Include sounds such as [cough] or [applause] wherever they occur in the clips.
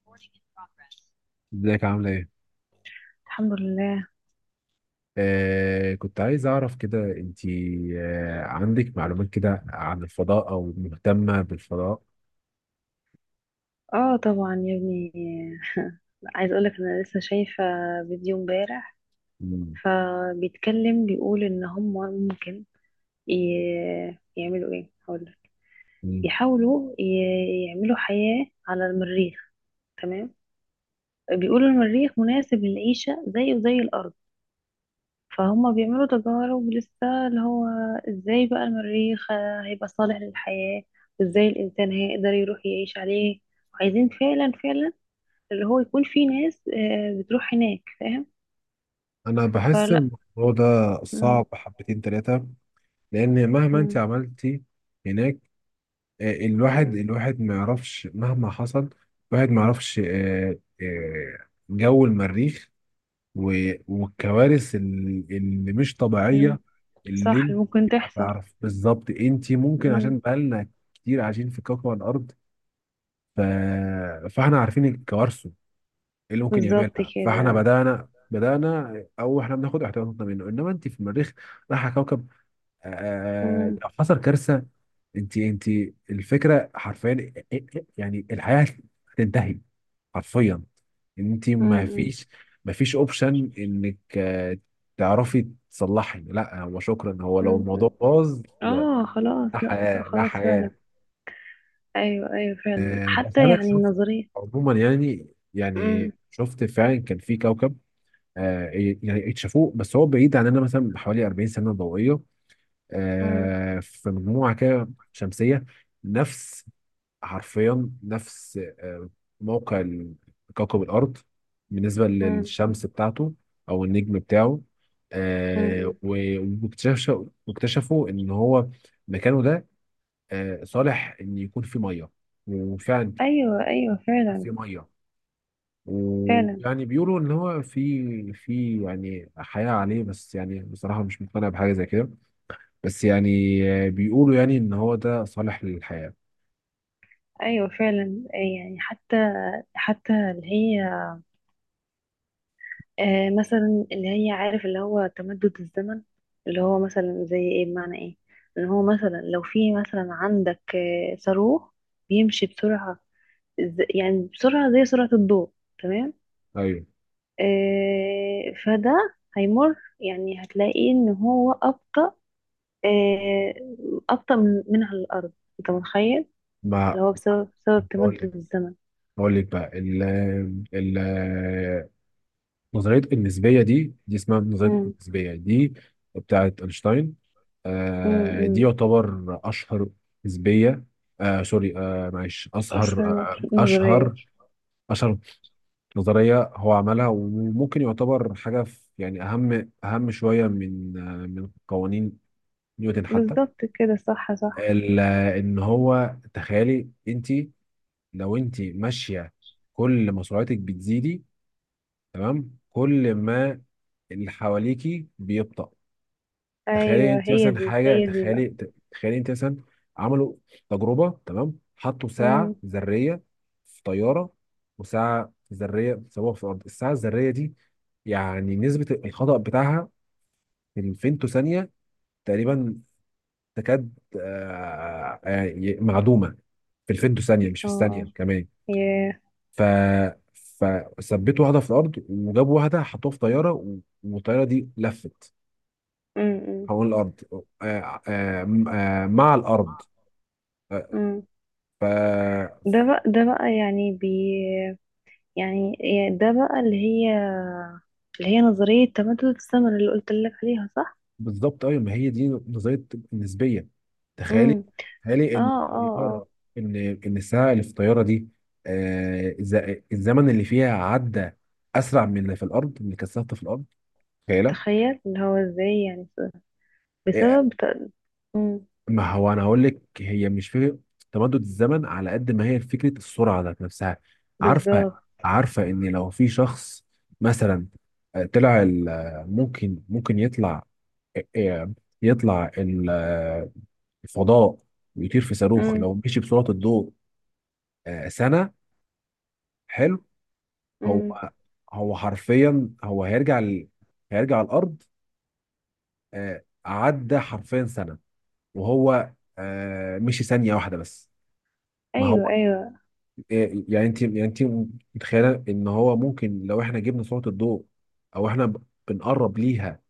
Recording in progress. ازيك عاملة ايه؟ الحمد لله. كنت عايز اعرف كده انتي عندك معلومات كده عن الفضاء او مهتمة بالفضاء؟ اه، طبعا يا ابني. عايز اقولك انا لسه شايفة فيديو امبارح، مم. فبيتكلم. بيقول ان هم ممكن يعملوا ايه هقولك. مم. يحاولوا يعملوا حياة على المريخ. تمام. بيقولوا المريخ مناسب للعيشة زيه زي الارض، فهم بيعملوا تجارب لسه اللي هو ازاي بقى المريخ هيبقى صالح للحياة، وازاي الانسان هيقدر يروح يعيش عليه. وعايزين فعلا فعلا اللي هو يكون في ناس بتروح هناك، فاهم. انا بحس فلا. الموضوع ده مم، صعب حبتين تلاتة. لان مهما انتي مم، عملتي هناك، الواحد مم. الواحد ما يعرفش مهما حصل. الواحد ما يعرفش جو المريخ، والكوارث اللي مش الم- طبيعية، اللي صح، انت اللي ممكن ما تحصل. تعرف بالظبط. انت ممكن مم. عشان بقالنا كتير عايشين في كوكب الارض، ف... فاحنا عارفين كوارثه، ايه اللي ممكن بالظبط يعملها، فاحنا كده. بدأنا او احنا بناخد احتياطاتنا منه. انما انت في المريخ رايحة كوكب، مم، لو حصل كارثة، انت الفكرة حرفيا يعني الحياة هتنتهي حرفيا، ان انت مم، ما مم. فيش ما فيش اوبشن انك تعرفي تصلحي. لا هو شكرا، هو لو مم. مم. الموضوع باظ، لا، اه خلاص، لا لا. حياه، لا خلاص فعلا. حياه. ايوه ايوه فعلا، بس حتى انا يعني شفت النظريه. عموما يعني مم، يعني شفت فعلا كان في كوكب، آه، يعني اكتشفوه، بس هو بعيد عننا مثلا بحوالي 40 سنه ضوئيه. مم، في مجموعه كده شمسيه، نفس حرفيا نفس موقع كوكب الأرض بالنسبة مم. للشمس بتاعته أو النجم بتاعه. مم. آه، مم. و- واكتشف واكتشفوا إن هو مكانه ده صالح إن يكون فيه مية، وفعلا ايوه ايوه فعلا. فيه مية. فعلا ويعني بيقولوا إن هو في يعني حياة عليه، بس يعني بصراحة مش مقتنع بحاجة زي كده. بس يعني بيقولوا يعني إن هو ده صالح للحياة. ايوه فعلا، يعني حتى اللي هي. مثلا اللي هي عارف اللي هو تمدد الزمن. اللي هو مثلا زي ايه، بمعنى ايه. ان هو مثلا لو في مثلا عندك صاروخ بيمشي بسرعة، يعني بسرعة زي سرعة الضوء. تمام. أيوه. فده هيمر، يعني هتلاقي ان هو أبطأ. آه أبطأ من على الأرض. انت متخيل. ما اللي هو بسبب تمدد الزمن. بقول لك بقى ال ال نظرية النسبية دي، اسمها نظرية امم. النسبية دي، بتاعت أينشتاين. امم. دي أمم. يعتبر أشهر نسبية. سوري، معلش، أشهر، أصلا آه نظرية. أشهر أشهر نظرية هو عملها، وممكن يعتبر حاجة، في يعني أهم شوية من قوانين نيوتن حتى. بالظبط كده، صح صح. ال- إن هو تخيلي أنت، لو أنت ماشية كل ما سرعتك بتزيدي، كل ما اللي حواليكي بيبطأ. تخيلي ايوه، انت هي مثلا دي حاجه، هي دي بقى. تخيلي، انت مثلا عملوا تجربه، تمام؟ حطوا ساعه امم. ذريه في طياره، وساعه ذريه سووها في الارض. الساعه الذريه دي يعني نسبه الخطأ بتاعها في الفيمتو ثانيه تقريبا، تكاد يعني معدومه، في الفيمتو اه. ثانيه مش في اه. الثانيه كمان. ياه. ف فثبتوا واحده في الارض، وجابوا واحده حطوها في طياره، والطياره دي لفت امم. امم. حول الأرض، مع الأرض آه، أمم. ف ده بقى يعني يعني ده بقى اللي هي. اللي هي نظرية تمدد الزمن اللي قلت لك عليها، صح؟ بالظبط أيوة، ما هي دي نظرية النسبية. تخيلي، امم. إن اه. اه. اه. الطيارة، إن إن الساعة اللي في الطيارة دي آه، الز- الزمن اللي فيها عدى أسرع من اللي في الأرض، من اللي كثافته في الأرض، تخيلة. تخيل اللي هو ازاي يعني، بسبب امم، ما هو انا هقول لك، هي مش فكره تمدد الزمن على قد ما هي فكره السرعه ذات نفسها. عارفه بالظبط. عارفه ان لو في شخص مثلا طلع ممكن يطلع، آه، آه، يطلع الفضاء ويطير في صاروخ، امم. لو مشي بسرعه الضوء سنه، حلو؟ هو امم. هو حرفيا، هو هيرجع هيرجع الارض عدى حرفيا سنه، وهو مشي ثانيه واحده بس. ما ايوه هو ايوه. إيه؟ يعني انت، متخيله ان هو ممكن لو احنا جبنا سرعه الضوء او احنا بنقرب ليها،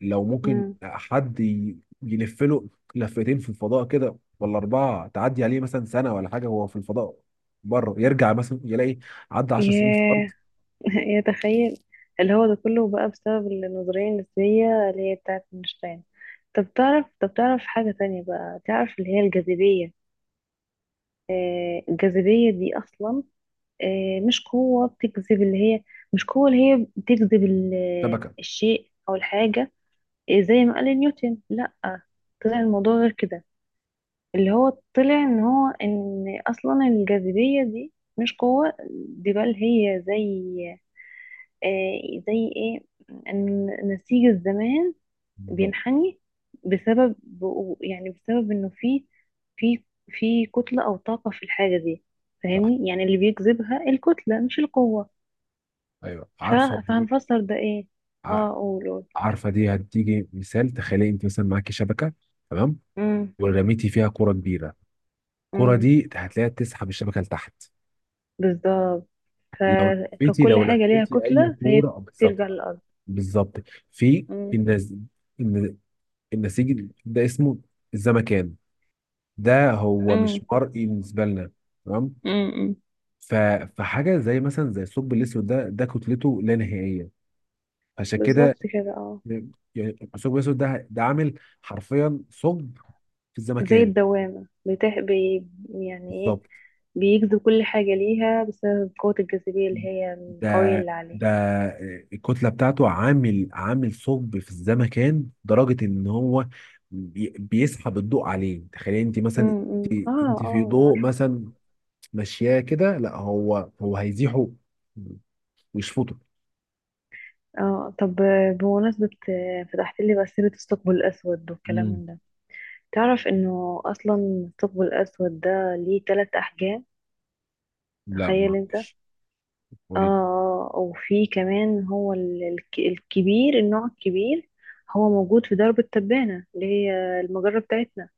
لو ممكن امم. حد يلف له لفتين في الفضاء كده، ولا اربعه، تعدي عليه مثلا سنه ولا حاجه وهو في الفضاء بره، يرجع مثلا يلاقي عدى 10 سنين في الارض. ياه. [laughs] يتخيل اللي هو ده كله بقى بسبب النظرية النسبية اللي هي بتاعة اينشتاين. طب تعرف حاجة تانية بقى؟ تعرف اللي هي الجاذبية؟ الجاذبية دي أصلا مش قوة بتجذب اللي هي. مش قوة اللي هي بتجذب شبكه! الشيء أو الحاجة، زي ما قال نيوتن. لأ، طلع الموضوع غير كده، اللي هو طلع إن هو إن أصلا الجاذبية دي مش قوة. دي بل هي زي، زي ايه، ان نسيج الزمان بالظبط، بينحني بسبب، يعني بسبب انه في في في كتلة او طاقة في الحاجة دي. صح. فاهمني، يعني اللي بيجذبها الكتلة مش القوة. ايوه ف... عارفه دي. فهنفسر ده ايه؟ ع- اه، قول قول. عارفه دي هتيجي مثال. تخيلي انت مثلا معاكي شبكه، تمام؟ امم. ورميتي فيها كره كبيره، الكره امم. دي هتلاقيها تسحب الشبكه لتحت. بالظبط. ف... لو فكل لو حاجة ليها لفيتي اي كتلة فهي كوره بالظبط، بترجع للأرض. بالظبط. في امم. النز...، الن- النسيج ده اسمه الزمكان، ده هو امم. مش مرئي بالنسبه لنا، تمام؟ امم. ف... فحاجه زي مثلا زي الثقب الاسود، ده كتلته لا نهائيه، عشان بالظبط كده كده، اه. يعني الثقب الاسود ده عامل حرفيا ثقب في زي الزمكان. الدوامة يعني ايه، بالظبط، بيجذب كل حاجة ليها بسبب قوة الجاذبية اللي هي القوية ده اللي عليه. ده الكتلة بتاعته عامل، ثقب في الزمكان لدرجة ان هو بيسحب الضوء عليه. تخيلي انت مثلا امم. اه. انت في اه. ضوء عارف. مثلا ماشياه كده، لا هو، هيزيحه ويشفطه. اه طب، بمناسبة فتحت لي بقى سيرة الثقب الأسود والكلام مم. من ده، تعرف انه أصلا الثقب الأسود ده ليه تلات أحجام؟ لا ما تخيل انت. اه، اعرفش، قولي لي. وفي كمان هو الكبير، النوع الكبير، هو موجود في درب التبانة اللي هي المجرة بتاعتنا.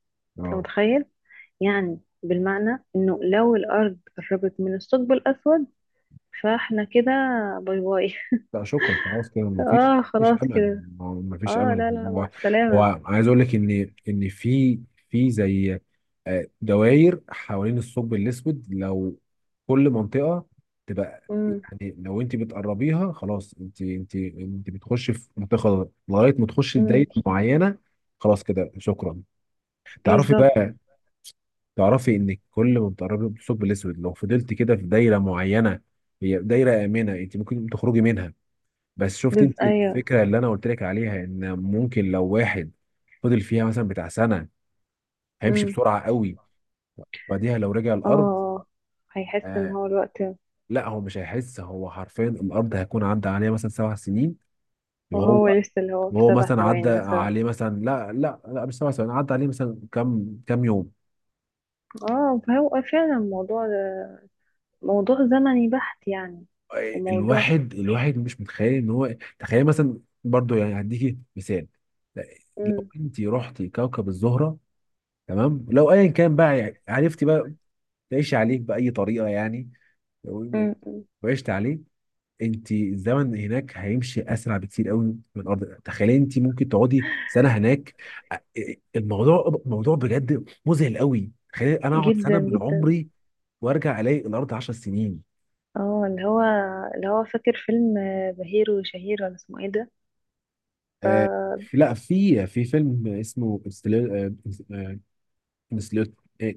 انت اه متخيل، يعني بالمعنى انه لو الارض قربت من الثقب الاسود فاحنا كده باي باي. لا شكرا، خلاص كده [laughs] مفيش، اه مفيش خلاص امل. كده. هو مفيش اه، امل. لا لا، مع هو هو السلامة. عايز اقول لك ان، في، زي دوائر حوالين الثقب الاسود، لو كل منطقه تبقى، امم. يعني لو انت بتقربيها خلاص، انت، انت بتخش في منطقه خضراء لغايه ما تخشي امم. دايره معينه، خلاص كده شكرا. تعرفي بالظبط. بقى، انك كل ما بتقربي من الثقب الاسود، لو فضلت كده في دايره معينه، هي دايره امنه انت ممكن تخرجي منها. بس شفت بس انت ايوه. الفكره اللي انا قلت لك عليها، ان ممكن لو واحد فضل فيها مثلا بتاع سنه، هيمشي امم. بسرعه قوي. بعديها لو رجع اه. الارض، آه. هيحس ان آه هو الوقت. لا هو مش هيحس، هو حرفيا الارض هيكون عدى عليه مثلا 7 سنين، وهو وهو، لسه اللي هو في سبع مثلا عدى ثواني مثلا. عليه مثلا، لا لا لا، مش 7 سنين، عدى عليه مثلا كام كام يوم. اه، فهو فعلا موضوع زمني بحت يعني. وموضوع. الواحد مش متخيل ان هو. تخيل مثلا برضو، يعني هديكي مثال. لا، لو امم. انت رحتي كوكب الزهره، تمام؟ لو ايا كان بقى، يعني عرفتي بقى تعيش عليك بأي طريقة يعني، لو امم. أمم. وعشت عليه، انت الزمن هناك هيمشي اسرع بكتير قوي من الارض. تخيلي انت ممكن تقعدي سنه هناك. الموضوع موضوع بجد مذهل قوي. تخيلي انا اقعد سنه جدا من جدا. عمري وارجع الاقي الارض 10 سنين. اه، اللي هو فاكر فيلم بهير وشهير، ولا اسمه ايه ده؟ آه لا، في، فيلم اسمه انستليتور،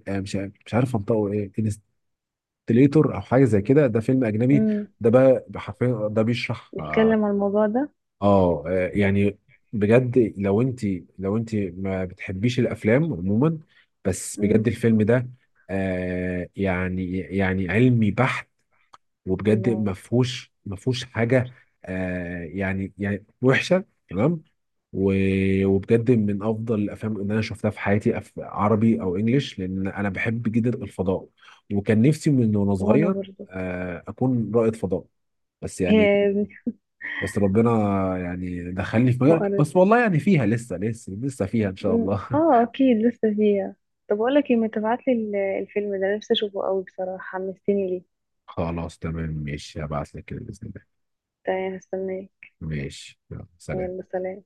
مش عارف انطقه ايه، انستليتور او حاجه زي كده، ده فيلم اجنبي. امم. ده بقى حرفيا ده بيشرح بيتكلم عن الموضوع ده. اه يعني بجد لو انت، ما بتحبيش الافلام عموما، بس بجد امم. الفيلم ده يعني، علمي بحت، وبجد الله. ما فيهوش حاجه يعني، وحشه. تمام؟ وبجد من افضل الافلام اللي انا شفتها في حياتي، عربي او انجليش، لان انا بحب جدا الفضاء، وكان نفسي من وانا وانا صغير برضو. اكون رائد فضاء. بس [laughs] هي يعني، يا ابني. بس ربنا يعني دخلني في مجال، وقرت. بس والله يعني فيها لسه، لسه، لسه فيها ان شاء أمم. الله. اه، اكيد لسه فيها. طب اقول لك ايه، ما تبعت لي الفيلم ده، نفسي اشوفه قوي، بصراحه حمستني ليه. [laughs] خلاص تمام، ماشي، هبعت لك كده باذن الله. تمام، هستناك. ماشي يلا، يلا سلام. سلام.